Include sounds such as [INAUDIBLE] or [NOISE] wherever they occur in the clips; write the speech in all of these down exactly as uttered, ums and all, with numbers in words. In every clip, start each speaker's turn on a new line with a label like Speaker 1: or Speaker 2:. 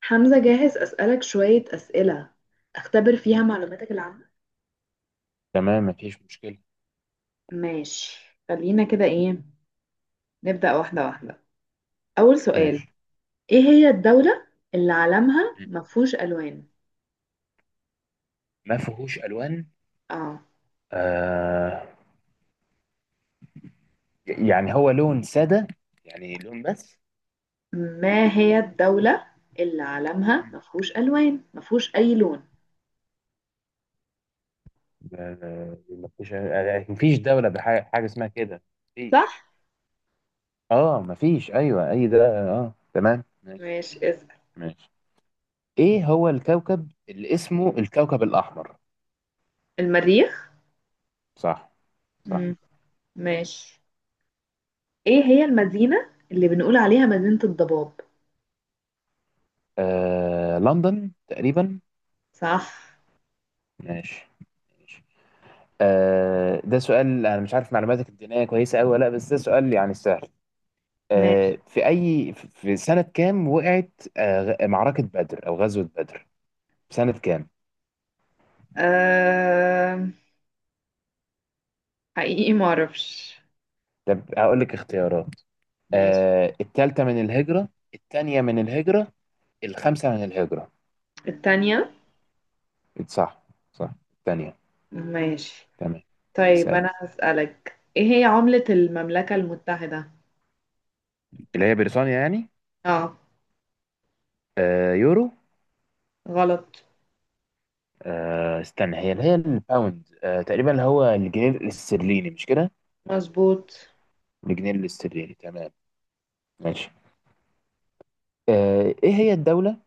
Speaker 1: حمزة، جاهز أسألك شوية أسئلة أختبر فيها معلوماتك العامة؟
Speaker 2: تمام، مفيش مشكلة.
Speaker 1: ماشي. خلينا كده، إيه نبدأ واحدة واحدة. أول سؤال،
Speaker 2: ماشي.
Speaker 1: إيه هي الدولة اللي علمها
Speaker 2: مم.
Speaker 1: مفهوش ألوان؟
Speaker 2: ما فيهوش ألوان.
Speaker 1: آه،
Speaker 2: آه، يعني هو لون سادة، يعني لون بس.
Speaker 1: ما هي الدولة اللي علمها
Speaker 2: مم.
Speaker 1: مفهوش ألوان، مفهوش أي لون،
Speaker 2: آه، مفيش، آه، مفيش دولة بحاجة حاجة اسمها كده.
Speaker 1: صح؟
Speaker 2: مفيش. اه، مفيش، ايوه اي ده. اه، تمام، ماشي.
Speaker 1: ماشي اسأل.
Speaker 2: ماشي. ايه هو الكوكب اللي اسمه الكوكب الأحمر؟
Speaker 1: المريخ؟
Speaker 2: صح. صح.
Speaker 1: مم. ماشي. إيه هي المدينة اللي بنقول عليها مدينة الضباب؟
Speaker 2: آه، لندن تقريبا.
Speaker 1: صح.
Speaker 2: ماشي. ماشي. آه ده سؤال، انا مش عارف معلوماتك الدينية كويسة أوي ولا لا، بس ده سؤال يعني سهل. آه،
Speaker 1: ماشي.
Speaker 2: في أي في سنة كام وقعت؟ آه، غ- معركة بدر أو غزوة بدر؟ في سنة كام؟
Speaker 1: أه... حقيقي معرفش.
Speaker 2: طب هقول لك اختيارات.
Speaker 1: ماشي.
Speaker 2: آه، التالتة من الهجرة، التانية من الهجرة، الخامسة من الهجرة؟
Speaker 1: التانية.
Speaker 2: صح. صح، التانية.
Speaker 1: ماشي
Speaker 2: تمام.
Speaker 1: طيب،
Speaker 2: اسألي.
Speaker 1: أنا هسألك، إيه هي عملة المملكة المتحدة؟
Speaker 2: اللي هي بريطانيا يعني.
Speaker 1: آه،
Speaker 2: آه، يورو.
Speaker 1: غلط.
Speaker 2: آه، استنى، هي اللي هي الباوند، آه، تقريبا اللي هو الجنيه الاسترليني، مش كده؟
Speaker 1: مظبوط.
Speaker 2: الجنيه الاسترليني، تمام. ماشي. آه، ايه هي الدولة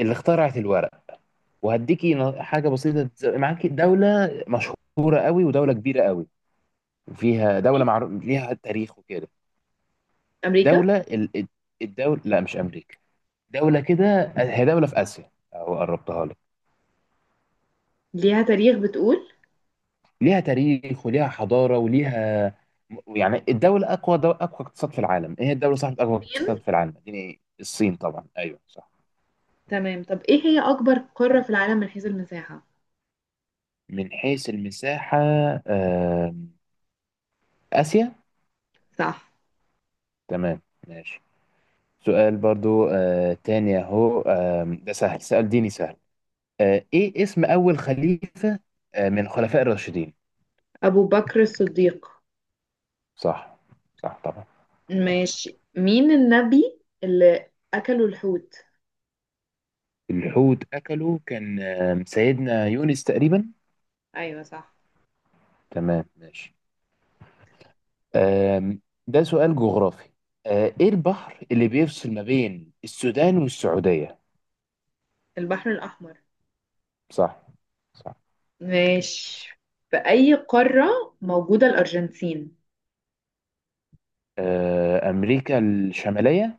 Speaker 2: اللي اخترعت الورق؟ وهديكي ن- حاجه بسيطه، تز- معاكي دوله مشهوره قوي، ودوله كبيره قوي. وفيها دوله معروف ليها تاريخ وكده.
Speaker 1: أمريكا.
Speaker 2: دوله ال... الدوله، لا مش امريكا. دوله كده، هي دوله في اسيا، او قربتها لك.
Speaker 1: ليها تاريخ بتقول.
Speaker 2: ليها تاريخ وليها حضاره وليها. يعني الدوله اقوى دو... اقوى اقتصاد في العالم. ايه هي الدوله صاحبه اقوى
Speaker 1: الصين.
Speaker 2: اقتصاد في العالم؟ دي الصين طبعا، ايوه صح.
Speaker 1: تمام، طب إيه هي أكبر قارة في العالم من حيث المساحة؟
Speaker 2: من حيث المساحه. آه... اسيا.
Speaker 1: صح.
Speaker 2: تمام. ماشي. سؤال برضو آه تاني اهو، آم، ده سهل، سؤال ديني سهل. آه ايه اسم اول خليفة آه من الخلفاء الراشدين؟
Speaker 1: أبو بكر الصديق.
Speaker 2: صح. صح طبعا. صح.
Speaker 1: ماشي، مين النبي اللي أكلوا الحوت؟
Speaker 2: الحوت اكله كان آم، سيدنا يونس تقريبا.
Speaker 1: أيوة صح.
Speaker 2: تمام. ماشي. آم، ده سؤال جغرافي. آه ايه البحر اللي بيفصل ما بين السودان والسعودية؟
Speaker 1: البحر الأحمر.
Speaker 2: صح. صح.
Speaker 1: ماشي، في أي قارة موجودة الأرجنتين؟
Speaker 2: آه، امريكا الشمالية.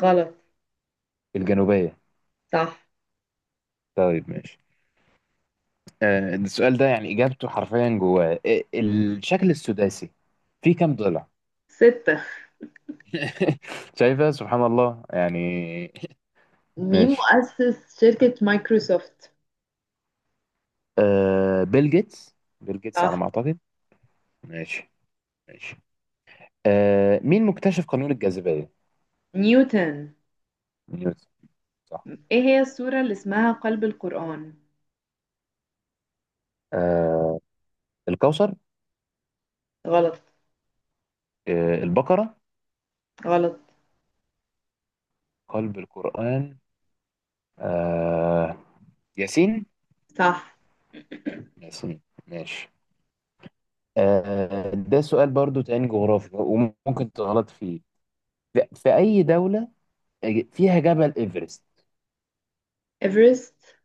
Speaker 1: غلط.
Speaker 2: الجنوبية.
Speaker 1: صح.
Speaker 2: طيب، ماشي. آه، السؤال ده يعني إجابته حرفيا جواه إيه- الشكل السداسي، فيه كام ضلع؟
Speaker 1: ستة.
Speaker 2: [LAUGHS] شايفة؟ سبحان الله يعني.
Speaker 1: مين
Speaker 2: ماشي.
Speaker 1: مؤسس شركة مايكروسوفت؟
Speaker 2: آه، بيل جيتس. بيل جيتس على
Speaker 1: صح.
Speaker 2: ما أعتقد. ماشي. ماشي. آه مين مكتشف قانون الجاذبية؟
Speaker 1: نيوتن.
Speaker 2: نيوتن. صح.
Speaker 1: ايه هي السورة اللي اسمها قلب القرآن؟
Speaker 2: آه، الكوثر.
Speaker 1: غلط.
Speaker 2: آه، البقرة.
Speaker 1: غلط.
Speaker 2: قلب القرآن؟ آه، ياسين.
Speaker 1: صح.
Speaker 2: ياسين. ماشي. آه ده سؤال برضو تاني جغرافي، وممكن تغلط فيه. في في أي دولة فيها جبل ايفرست؟
Speaker 1: ايفرست،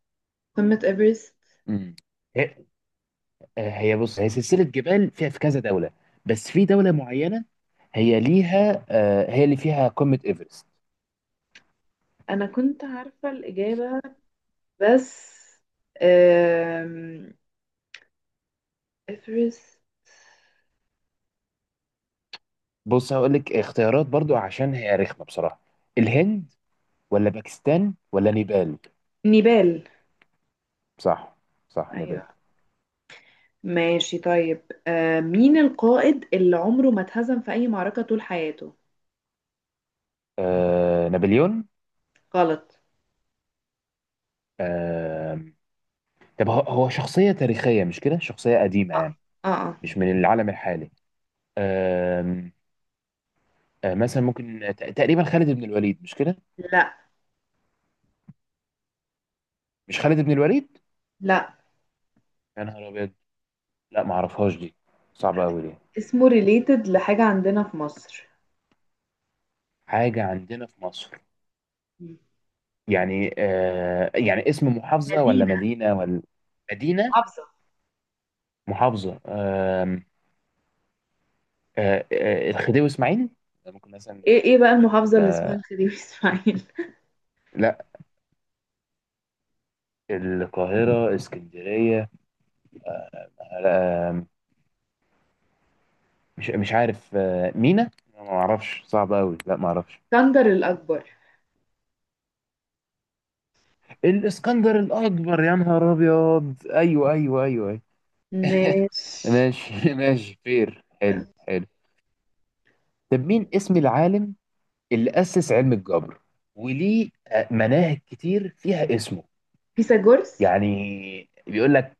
Speaker 1: قمة ايفرست.
Speaker 2: امم هي هي بص، هي سلسلة جبال، فيها في كذا دولة. بس في دولة معينة. هي ليها آه، هي اللي فيها قمة ايفرست.
Speaker 1: انا كنت عارفة الإجابة، بس أم... ايفرست.
Speaker 2: بص، هقول لك اختيارات برضو، عشان هي رخمة بصراحة. الهند، ولا باكستان، ولا نيبال؟
Speaker 1: نيبال.
Speaker 2: صح. صح، نيبال.
Speaker 1: ايوه، ماشي طيب. أم... مين القائد اللي عمره ما اتهزم في اي معركة طول حياته؟
Speaker 2: آه، نابليون.
Speaker 1: غلط.
Speaker 2: آه طب هو هو شخصية تاريخية مش كده، شخصية قديمة
Speaker 1: اه.
Speaker 2: يعني.
Speaker 1: اه آه.
Speaker 2: مش من العالم الحالي. آه، آه مثلا ممكن ت- تقريبا خالد بن الوليد، مش كده؟
Speaker 1: لا.
Speaker 2: مش خالد بن الوليد.
Speaker 1: لا.
Speaker 2: يا نهار ابيض! لا، ما اعرفهاش دي. صعبه قوي دي.
Speaker 1: اسمه ريليتد لحاجة عندنا في مصر.
Speaker 2: حاجه عندنا في مصر؟
Speaker 1: مم.
Speaker 2: يعني آه يعني اسم محافظه ولا
Speaker 1: مدينة.
Speaker 2: مدينه ولا؟ مدينه؟
Speaker 1: محافظة.
Speaker 2: محافظه آم، آه آه الخديوي اسماعيل؟ ده ممكن مثلا.
Speaker 1: ايه ايه بقى المحافظة اللي اسمها
Speaker 2: ولا؟
Speaker 1: الخديوي اسماعيل؟ [LAUGHS]
Speaker 2: لا. القاهره، اسكندريه؟ لا آم، مش مش عارف، آه مينا، ما اعرفش، صعب قوي، لا ما اعرفش.
Speaker 1: اسكندر الأكبر.
Speaker 2: الاسكندر الاكبر! يا نهار ابيض! ايوه، ايوه، ايوه, أيوة.
Speaker 1: ماشي.
Speaker 2: ماشي. [LAUGHS] ماشي فير، حلو حلو. طب مين اسم العالم اللي أسس علم الجبر، وليه آه، مناهج كتير فيها اسمه؟
Speaker 1: فيثاغورس.
Speaker 2: يعني؟ بيقول لك.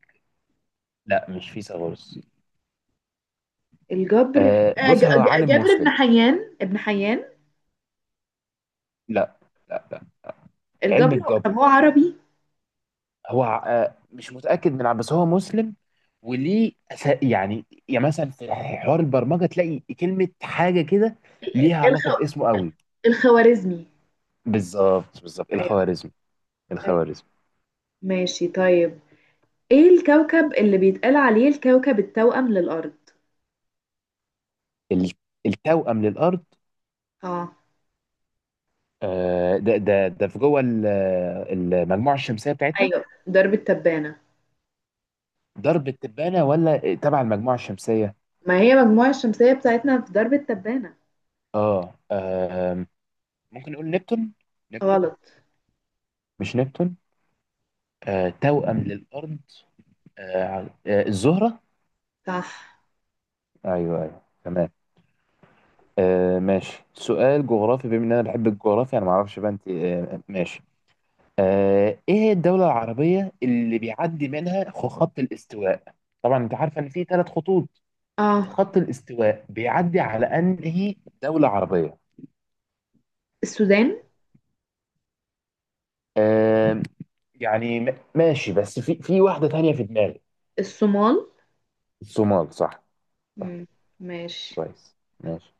Speaker 2: لا، مش فيثاغورس.
Speaker 1: الجبر،
Speaker 2: آه،
Speaker 1: آه، ج-
Speaker 2: بص، هو
Speaker 1: ج-
Speaker 2: عالم
Speaker 1: جابر بن
Speaker 2: مسلم.
Speaker 1: حيان، ابن حيان.
Speaker 2: لا. لا. لا. علم
Speaker 1: الجبر. طب
Speaker 2: الجبر.
Speaker 1: هو عربي؟
Speaker 2: هو ع- آه، مش متأكد من ع- بس هو مسلم. وليه أسا- يعني يعني مثلا في حوار البرمجة تلاقي كلمة حاجة كده. ليها علاقة
Speaker 1: الخ...
Speaker 2: باسمه قوي.
Speaker 1: الخوارزمي.
Speaker 2: بالظبط، بالظبط،
Speaker 1: ايوه.
Speaker 2: الخوارزمي.
Speaker 1: ايوه.
Speaker 2: الخوارزمي.
Speaker 1: ماشي طيب، ايه الكوكب اللي بيتقال عليه الكوكب التوأم للأرض؟
Speaker 2: ال- التوأم للأرض؟
Speaker 1: اه.
Speaker 2: آه، ده ده ده في جوه ال- المجموعة الشمسية بتاعتنا.
Speaker 1: ايوه درب التبانة.
Speaker 2: درب التبانة ولا تبع المجموعة الشمسية؟
Speaker 1: ما هي المجموعة الشمسية بتاعتنا في درب التبانة.
Speaker 2: آه، آم، ممكن نقول نبتون. نبتون.
Speaker 1: غلط.
Speaker 2: مش نبتون. آه توأم للأرض. آه، ع- آه، الزهرة.
Speaker 1: صح.
Speaker 2: أيوه، أيوه، تمام. آه ماشي، سؤال جغرافي، بما إن أنا بحب الجغرافيا، أنا معرفش بقى أنت، آه ماشي. آه إيه هي الدولة العربية اللي بيعدي منها خ- خط الاستواء؟ طبعا أنت عارفة إن في ثلاث خطوط.
Speaker 1: اه،
Speaker 2: خط الاستواء بيعدي على أنهي دولة عربية؟
Speaker 1: السودان.
Speaker 2: آه. يعني م- ماشي، بس في في واحدة تانية في دماغي.
Speaker 1: الصومال.
Speaker 2: الصومال. صح. صح.
Speaker 1: مم. ماشي
Speaker 2: كويس، ماشي.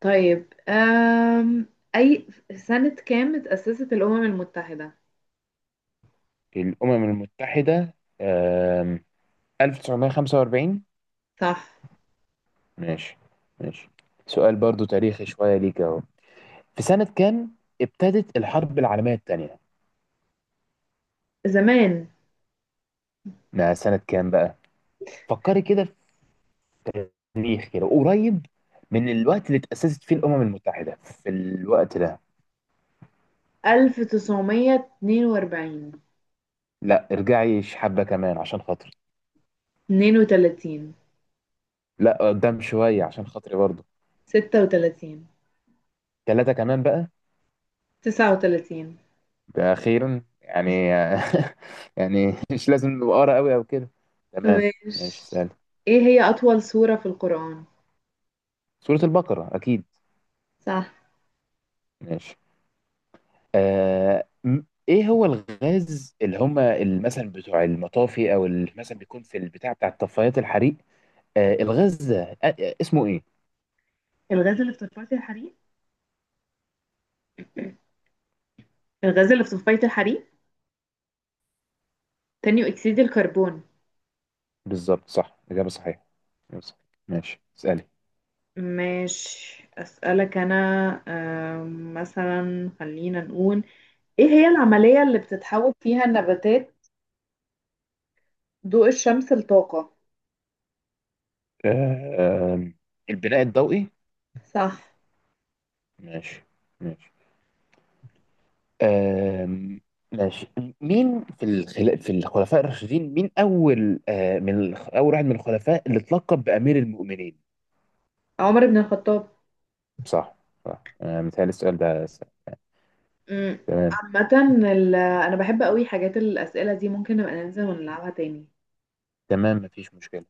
Speaker 1: طيب، أم... أي سنة كام اتأسست الأمم المتحدة؟
Speaker 2: الأمم المتحدة، آم، ألف وتسعمية وخمسة وأربعين.
Speaker 1: صح.
Speaker 2: ماشي. ماشي. سؤال برضو تاريخي شوية، ليك أهو. في سنة كام ابتدت الحرب العالمية التانية؟
Speaker 1: زمان.
Speaker 2: ما سنة كام بقى؟ فكري كده في تاريخ كده قريب من الوقت اللي تأسست فيه الأمم المتحدة، في الوقت ده.
Speaker 1: ألف وتسعمية اتنين وأربعين.
Speaker 2: لا، ارجعي حبة كمان عشان خاطري.
Speaker 1: اتنين وتلاتين.
Speaker 2: لا، قدام شوية عشان خاطري برضو.
Speaker 1: ستة وتلاتين.
Speaker 2: ثلاثة كمان بقى.
Speaker 1: تسعة وتلاتين.
Speaker 2: ده أخيرا يعني. [LAUGHS] يعني مش لازم نبقى قرا قوي أو كده. تمام. ماشي،
Speaker 1: ماشي،
Speaker 2: سهل.
Speaker 1: ايه هي أطول سورة في القرآن؟
Speaker 2: سورة البقرة أكيد.
Speaker 1: صح.
Speaker 2: ماشي. آه م- إيه هو الغاز اللي هما ال- مثلا بتوع المطافي، أو اللي مثلا بيكون في البتاع بتاع طفايات الحريق، آه الغاز ده آه آه، اسمه إيه؟
Speaker 1: الغاز اللي في تصفية الحريق، الغاز اللي في تصفية الحريق، ثاني أكسيد الكربون.
Speaker 2: بالظبط. صح، إجابة صحيحة. إجابة صحيحة. ماشي، اسألي.
Speaker 1: ماشي أسألك أنا، أم، مثلا خلينا نقول ايه هي العملية اللي بتتحول فيها النباتات ضوء الشمس لطاقة؟
Speaker 2: آه، آه، البناء الضوئي.
Speaker 1: صح.
Speaker 2: ماشي. ماشي. آم، ماشي. مين في الخل... في الخلفاء الراشدين، مين اول آه، من الخ- اول واحد من الخلفاء اللي اتلقب بامير المؤمنين؟
Speaker 1: عمر بن الخطاب.
Speaker 2: صح. صح. آه، متهيألي السؤال ده س-
Speaker 1: امم.
Speaker 2: تمام.
Speaker 1: عامة، ال- انا بحب قوي حاجات الأسئلة دي، ممكن نبقى ننزل ونلعبها تاني.
Speaker 2: تمام، مفيش مشكلة.